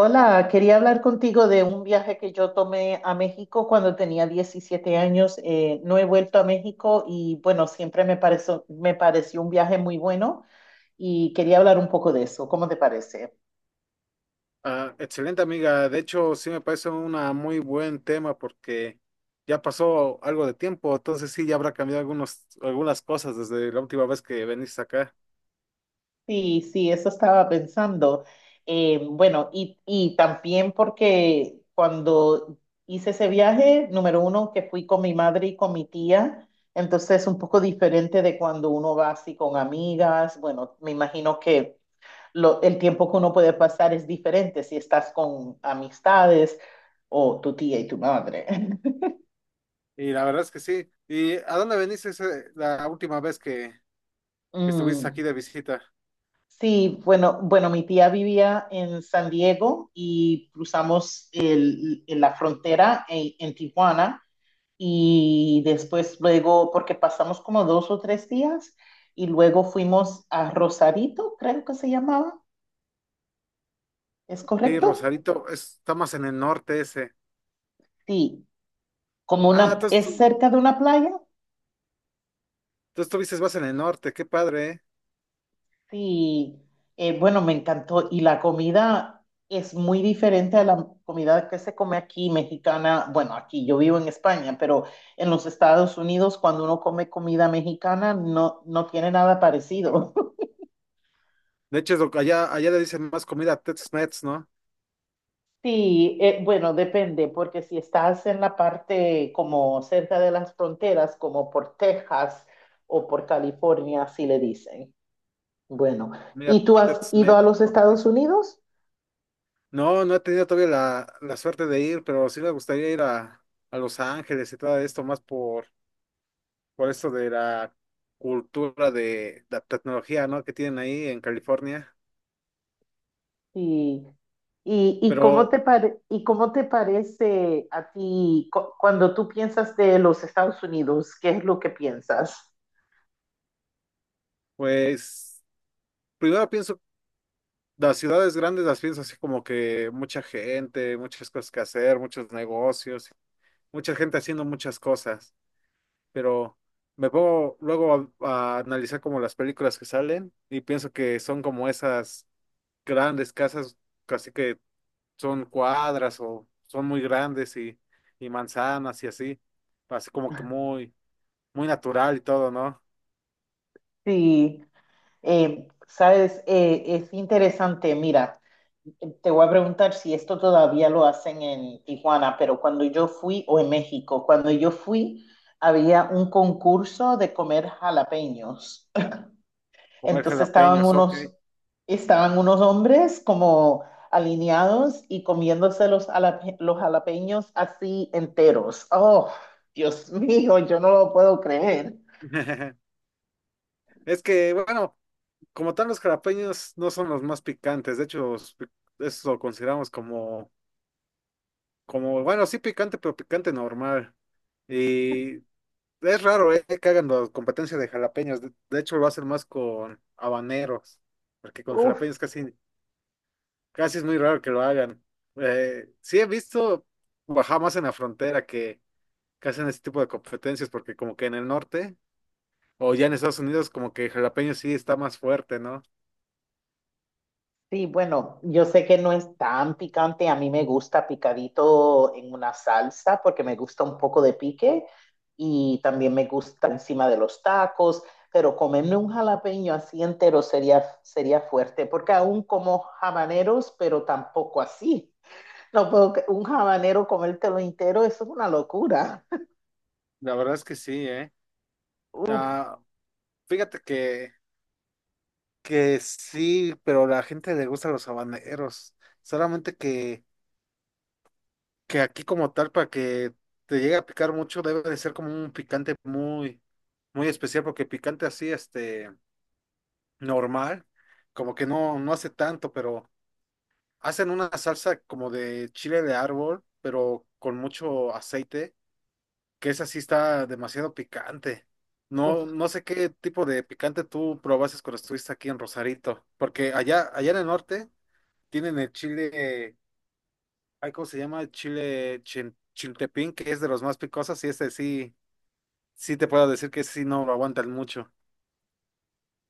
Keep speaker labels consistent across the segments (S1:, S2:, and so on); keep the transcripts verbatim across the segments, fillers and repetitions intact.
S1: Hola, quería hablar contigo de un viaje que yo tomé a México cuando tenía diecisiete años. Eh, no he vuelto a México y bueno, siempre me pareció, me pareció un viaje muy bueno y quería hablar un poco de eso. ¿Cómo te parece?
S2: Ah, excelente amiga, de hecho sí me parece un muy buen tema porque ya pasó algo de tiempo, entonces sí ya habrá cambiado algunos, algunas cosas desde la última vez que veniste acá.
S1: Sí, sí, eso estaba pensando. Eh, bueno, y, y también porque cuando hice ese viaje, número uno, que fui con mi madre y con mi tía, entonces es un poco diferente de cuando uno va así con amigas. Bueno, me imagino que lo, el tiempo que uno puede pasar es diferente si estás con amistades o tu tía y tu madre.
S2: Y la verdad es que sí. ¿Y a dónde veniste ese- la última vez que, que estuviste aquí
S1: Mm,
S2: de visita?
S1: Sí, bueno, bueno, mi tía vivía en San Diego y cruzamos el- el- la frontera en, en Tijuana y después luego, porque pasamos como dos o tres días y luego fuimos a Rosarito, creo que se llamaba, ¿es
S2: Sí,
S1: correcto?
S2: Rosarito, está más en el norte ese.
S1: Sí, como
S2: Ah,
S1: una,
S2: entonces
S1: es
S2: tú,
S1: cerca de una playa.
S2: tú estuviste más en el norte, qué padre, ¿eh?
S1: Sí, eh, bueno, me encantó. Y la comida es muy diferente a la comida que se come aquí, mexicana. Bueno, aquí yo vivo en España, pero en los Estados Unidos, cuando uno come comida mexicana, no, no tiene nada parecido.
S2: De hecho, es lo que allá, allá le dicen más comida Tex-Mex, ¿no?
S1: Sí, eh, bueno, depende, porque si estás en la parte como cerca de las fronteras, como por Texas o por California, así le dicen. Bueno,
S2: Comida
S1: ¿y tú has ido
S2: Tex-Mex,
S1: a los
S2: ok.
S1: Estados Unidos?
S2: No, no he tenido todavía la, la suerte de ir, pero sí me gustaría ir a, a Los Ángeles y todo esto, más por, por esto de la cultura de la tecnología, ¿no?, que tienen ahí en California.
S1: Sí. ¿Y, y cómo
S2: Pero,
S1: te pare- y cómo te parece a ti cu- cuando tú piensas de los Estados Unidos? ¿Qué es lo que piensas?
S2: pues, primero pienso, las ciudades grandes las pienso así como que mucha gente, muchas cosas que hacer, muchos negocios, mucha gente haciendo muchas cosas. Pero me pongo luego a a analizar como las películas que salen y pienso que son como esas, grandes casas, casi que son cuadras o son muy grandes y, y manzanas y así, así como que muy, muy natural y todo, ¿no?
S1: Sí, eh, sabes, eh, es interesante. Mira, te voy a preguntar si esto todavía lo hacen en Tijuana, pero cuando yo fui, o en México, cuando yo fui, había un concurso de comer jalapeños.
S2: Comer
S1: Entonces estaban
S2: jalapeños, ok.
S1: unos, estaban unos hombres como alineados y comiéndose los, jalape- los jalapeños así enteros. Oh, Dios mío, yo no lo puedo creer.
S2: Es que, bueno, como tal los jalapeños no son los más picantes, de hecho, los pi- eso lo consideramos como, como, bueno, sí picante, pero picante normal. Y es raro, eh, que hagan la competencia de jalapeños, de, de hecho lo hacen más con habaneros, porque con
S1: Uf.
S2: jalapeños casi, casi es muy raro que lo hagan. Eh, sí he visto bajar más en la frontera que, que hacen ese tipo de competencias porque como que en el norte o ya en Estados Unidos como que el jalapeño sí está más fuerte, ¿no?
S1: Sí, bueno, yo sé que no es tan picante, a mí me gusta picadito en una salsa porque me gusta un poco de pique y también me gusta encima de los tacos, pero comerme un jalapeño así entero sería, sería fuerte porque aún como habaneros, pero tampoco así. No puedo, que- un habanero comértelo entero, eso es una locura.
S2: La verdad es que sí, ¿eh?
S1: Uf,
S2: Ah, fíjate que, que sí, pero la gente le gusta los habaneros. Solamente que, que aquí como tal para que te llegue a picar mucho debe de ser como un picante muy, muy especial porque picante así, este... normal, como que no, no hace tanto, pero hacen una salsa como de chile de árbol, pero con mucho aceite, que esa sí está demasiado picante. No,
S1: uf.
S2: no sé qué tipo de picante tú probaste cuando estuviste aquí en Rosarito, porque allá, allá en el norte tienen el chile, ay, ¿cómo se llama? El chile chin- chiltepín, que es de los más picosos, y este sí, sí te puedo decir que sí no lo aguantan mucho.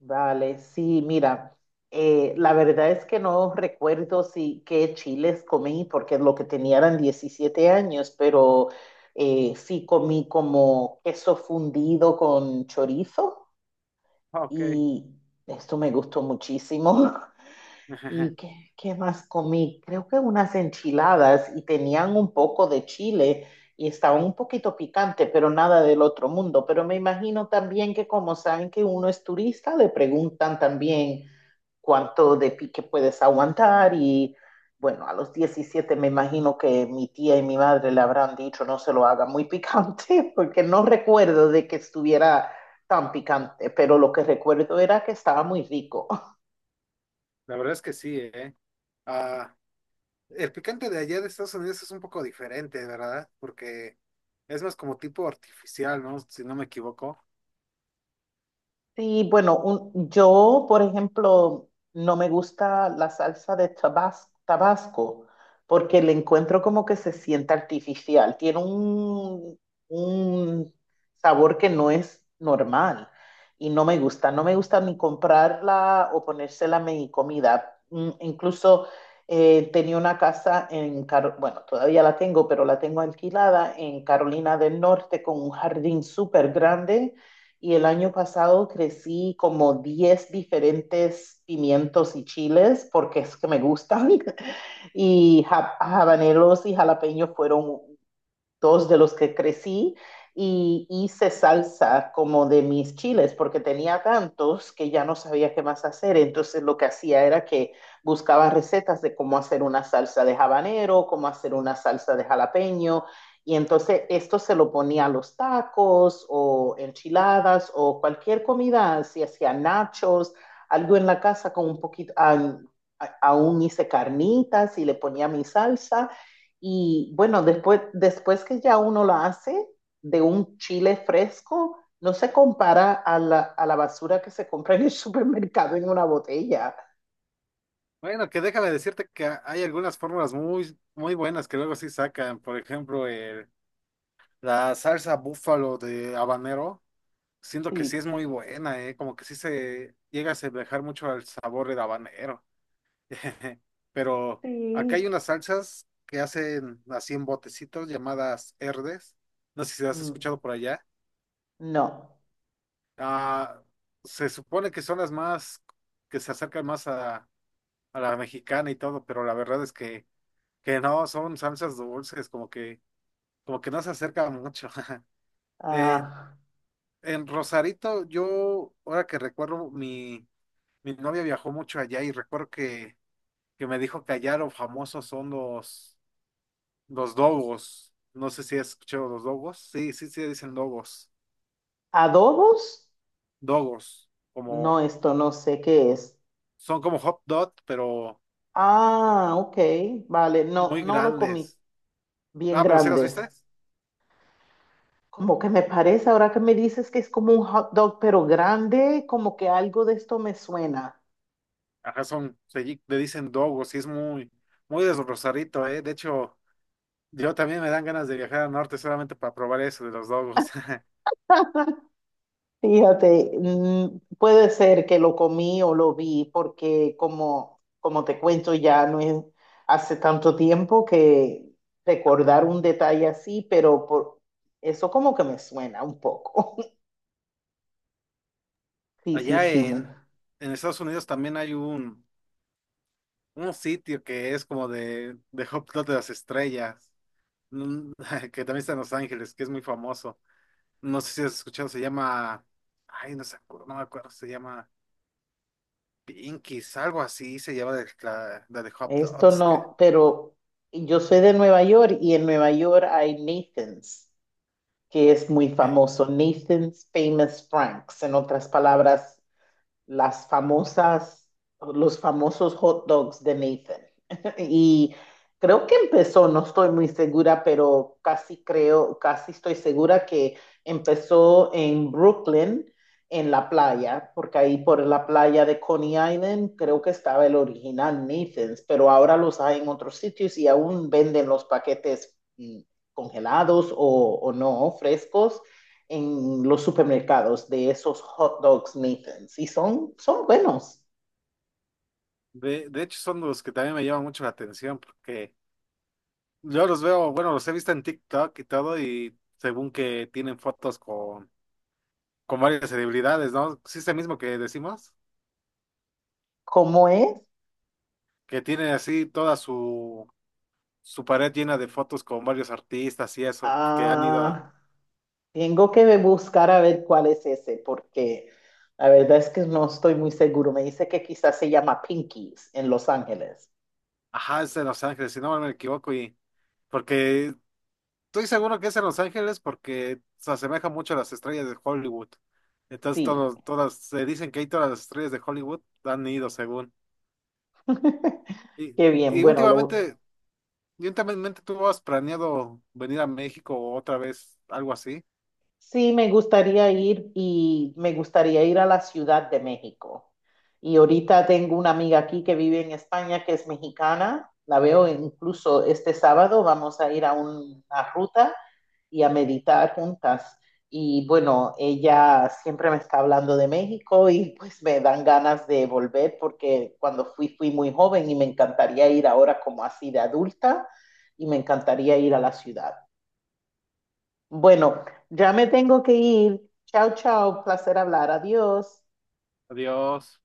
S1: Vale, sí, mira, eh, la verdad es que no recuerdo si qué chiles comí, porque lo que tenía eran diecisiete años, pero eh, sí comí como queso fundido con chorizo
S2: Ah, ok.
S1: y esto me gustó muchísimo. ¿Y qué, qué más comí? Creo que unas enchiladas y tenían un poco de chile y estaba un poquito picante, pero nada del otro mundo. Pero me imagino también que como saben que uno es turista, le preguntan también cuánto de pique puedes aguantar y bueno, a los diecisiete me imagino que mi tía y mi madre le habrán dicho no se lo haga muy picante porque no recuerdo de que estuviera tan picante, pero lo que recuerdo era que estaba muy rico.
S2: La verdad es que sí, ¿eh? Ah, el picante de allá de Estados Unidos es un poco diferente, ¿verdad? Porque es más como tipo artificial, ¿no? Si no me equivoco.
S1: Sí, bueno, un- yo, por ejemplo, no me gusta la salsa de tabas- Tabasco porque le encuentro como que se siente artificial. Tiene un, un sabor que no es normal y no me gusta. No me gusta ni comprarla o ponérsela a mi comida. Mm, Incluso eh, tenía una casa en, Caro- bueno, todavía la tengo, pero la tengo alquilada en Carolina del Norte con un jardín súper grande y el año pasado crecí como diez diferentes pimientos y chiles porque es que me gustan. Y ja- habaneros y jalapeños fueron dos de los que crecí y hice salsa como de mis chiles, porque tenía tantos que ya no sabía qué más hacer. Entonces lo que hacía era que buscaba recetas de cómo hacer una salsa de habanero, cómo hacer una salsa de jalapeño. Y entonces esto se lo ponía a los tacos o enchiladas o cualquier comida, si hacía nachos, algo en la casa con un poquito, ah, a- aún hice carnitas y le ponía mi salsa y bueno, después, después que ya uno lo hace de un chile fresco, no se compara a la, a la basura que se compra en el supermercado en una botella.
S2: Bueno, que déjame decirte que ha- hay algunas fórmulas muy, muy buenas que luego sí sacan. Por ejemplo, el- la salsa búfalo de habanero. Siento que sí
S1: Sí,
S2: es muy buena, ¿eh? Como que sí se llega a asemejar mucho al sabor del habanero. Pero acá hay
S1: sí.
S2: unas salsas que hacen así en botecitos llamadas herdes. No sé si las has
S1: Mm,
S2: escuchado por allá.
S1: no.
S2: Ah, se supone que son las más, que se acercan más a, a la mexicana y todo, pero la verdad es que, que no, son salsas dulces, como que, como que no se acercan mucho. Eh,
S1: Ah,
S2: en Rosarito, yo, ahora que recuerdo, mi, mi novia viajó mucho allá y recuerdo que, que me dijo que allá lo famosos son los, los dogos. No sé si has escuchado los dogos. Sí, sí, sí, dicen dogos.
S1: adobos,
S2: Dogos,
S1: no,
S2: como,
S1: esto no sé qué es.
S2: son como hot dog, pero
S1: Ah, ok, vale, no,
S2: muy
S1: no lo comí
S2: grandes.
S1: bien
S2: Ah, pero sí las
S1: grandes.
S2: viste.
S1: Como que me parece, ahora que me dices que es como un hot dog, pero grande, como que algo de esto me suena.
S2: Ajá, son, se lli- le dicen dogos y es muy, muy de Rosarito, ¿eh? De hecho, yo también me dan ganas de viajar al norte solamente para probar eso de los dogos.
S1: Fíjate, mm, puede ser que lo comí o lo vi, porque como, como te cuento, ya no es hace tanto tiempo que recordar un detalle así, pero por, eso como que me suena un poco. Sí, sí,
S2: Allá
S1: sí,
S2: en,
S1: mira,
S2: en Estados Unidos también hay un, un sitio que es como de, de Hot Dog de las Estrellas, mm, que también está en Los Ángeles, que es muy famoso. No sé si has escuchado, se llama, ay, no, se acuerdo, no me acuerdo, se llama Pinkies, algo así se llama de la, la de Hot
S1: esto
S2: Dogs. que-
S1: no, pero yo soy de Nueva York y en Nueva York hay Nathan's, que es muy
S2: que-
S1: famoso, Nathan's Famous Franks, en otras palabras, las famosas, los famosos hot dogs de Nathan. Y creo que empezó, no estoy muy segura, pero casi creo, casi estoy segura que empezó en Brooklyn, en la playa, porque ahí por la playa de Coney Island creo que estaba el original Nathan's, pero ahora los hay en otros sitios y aún venden los paquetes mm, congelados o, o no, frescos en los supermercados de esos hot dogs Nathan's y son, son buenos.
S2: De, de hecho, son los que también me llaman mucho la atención porque yo los veo, bueno, los he visto en TikTok y todo, y según que tienen fotos con, con varias celebridades, ¿no? Sí, es el mismo que decimos,
S1: ¿Cómo es?
S2: que tiene así toda su, su pared llena de fotos con varios artistas y eso, que han ido a,
S1: Ah, tengo que buscar a ver cuál es ese porque la verdad es que no estoy muy seguro. Me dice que quizás se llama Pinkies en Los Ángeles.
S2: ajá, es en Los Ángeles, si no me equivoco, y porque estoy seguro que es en Los Ángeles porque se asemeja mucho a las estrellas de Hollywood. Entonces,
S1: Sí.
S2: todos, todas, se dicen que ahí todas las estrellas de Hollywood han ido según. Y,
S1: Qué bien.
S2: y
S1: Bueno, lo,
S2: últimamente, y últimamente tú has planeado venir a México otra vez, algo así.
S1: sí, me gustaría ir y me gustaría ir a la Ciudad de México. Y ahorita tengo una amiga aquí que vive en España que es mexicana. La veo incluso este sábado. Vamos a ir a una ruta y a meditar juntas. Y bueno, ella siempre me está hablando de México y pues me dan ganas de volver porque cuando fui fui muy joven y me encantaría ir ahora como así de adulta y me encantaría ir a la ciudad. Bueno, ya me tengo que ir. Chao, chao. Placer hablar. Adiós.
S2: Adiós.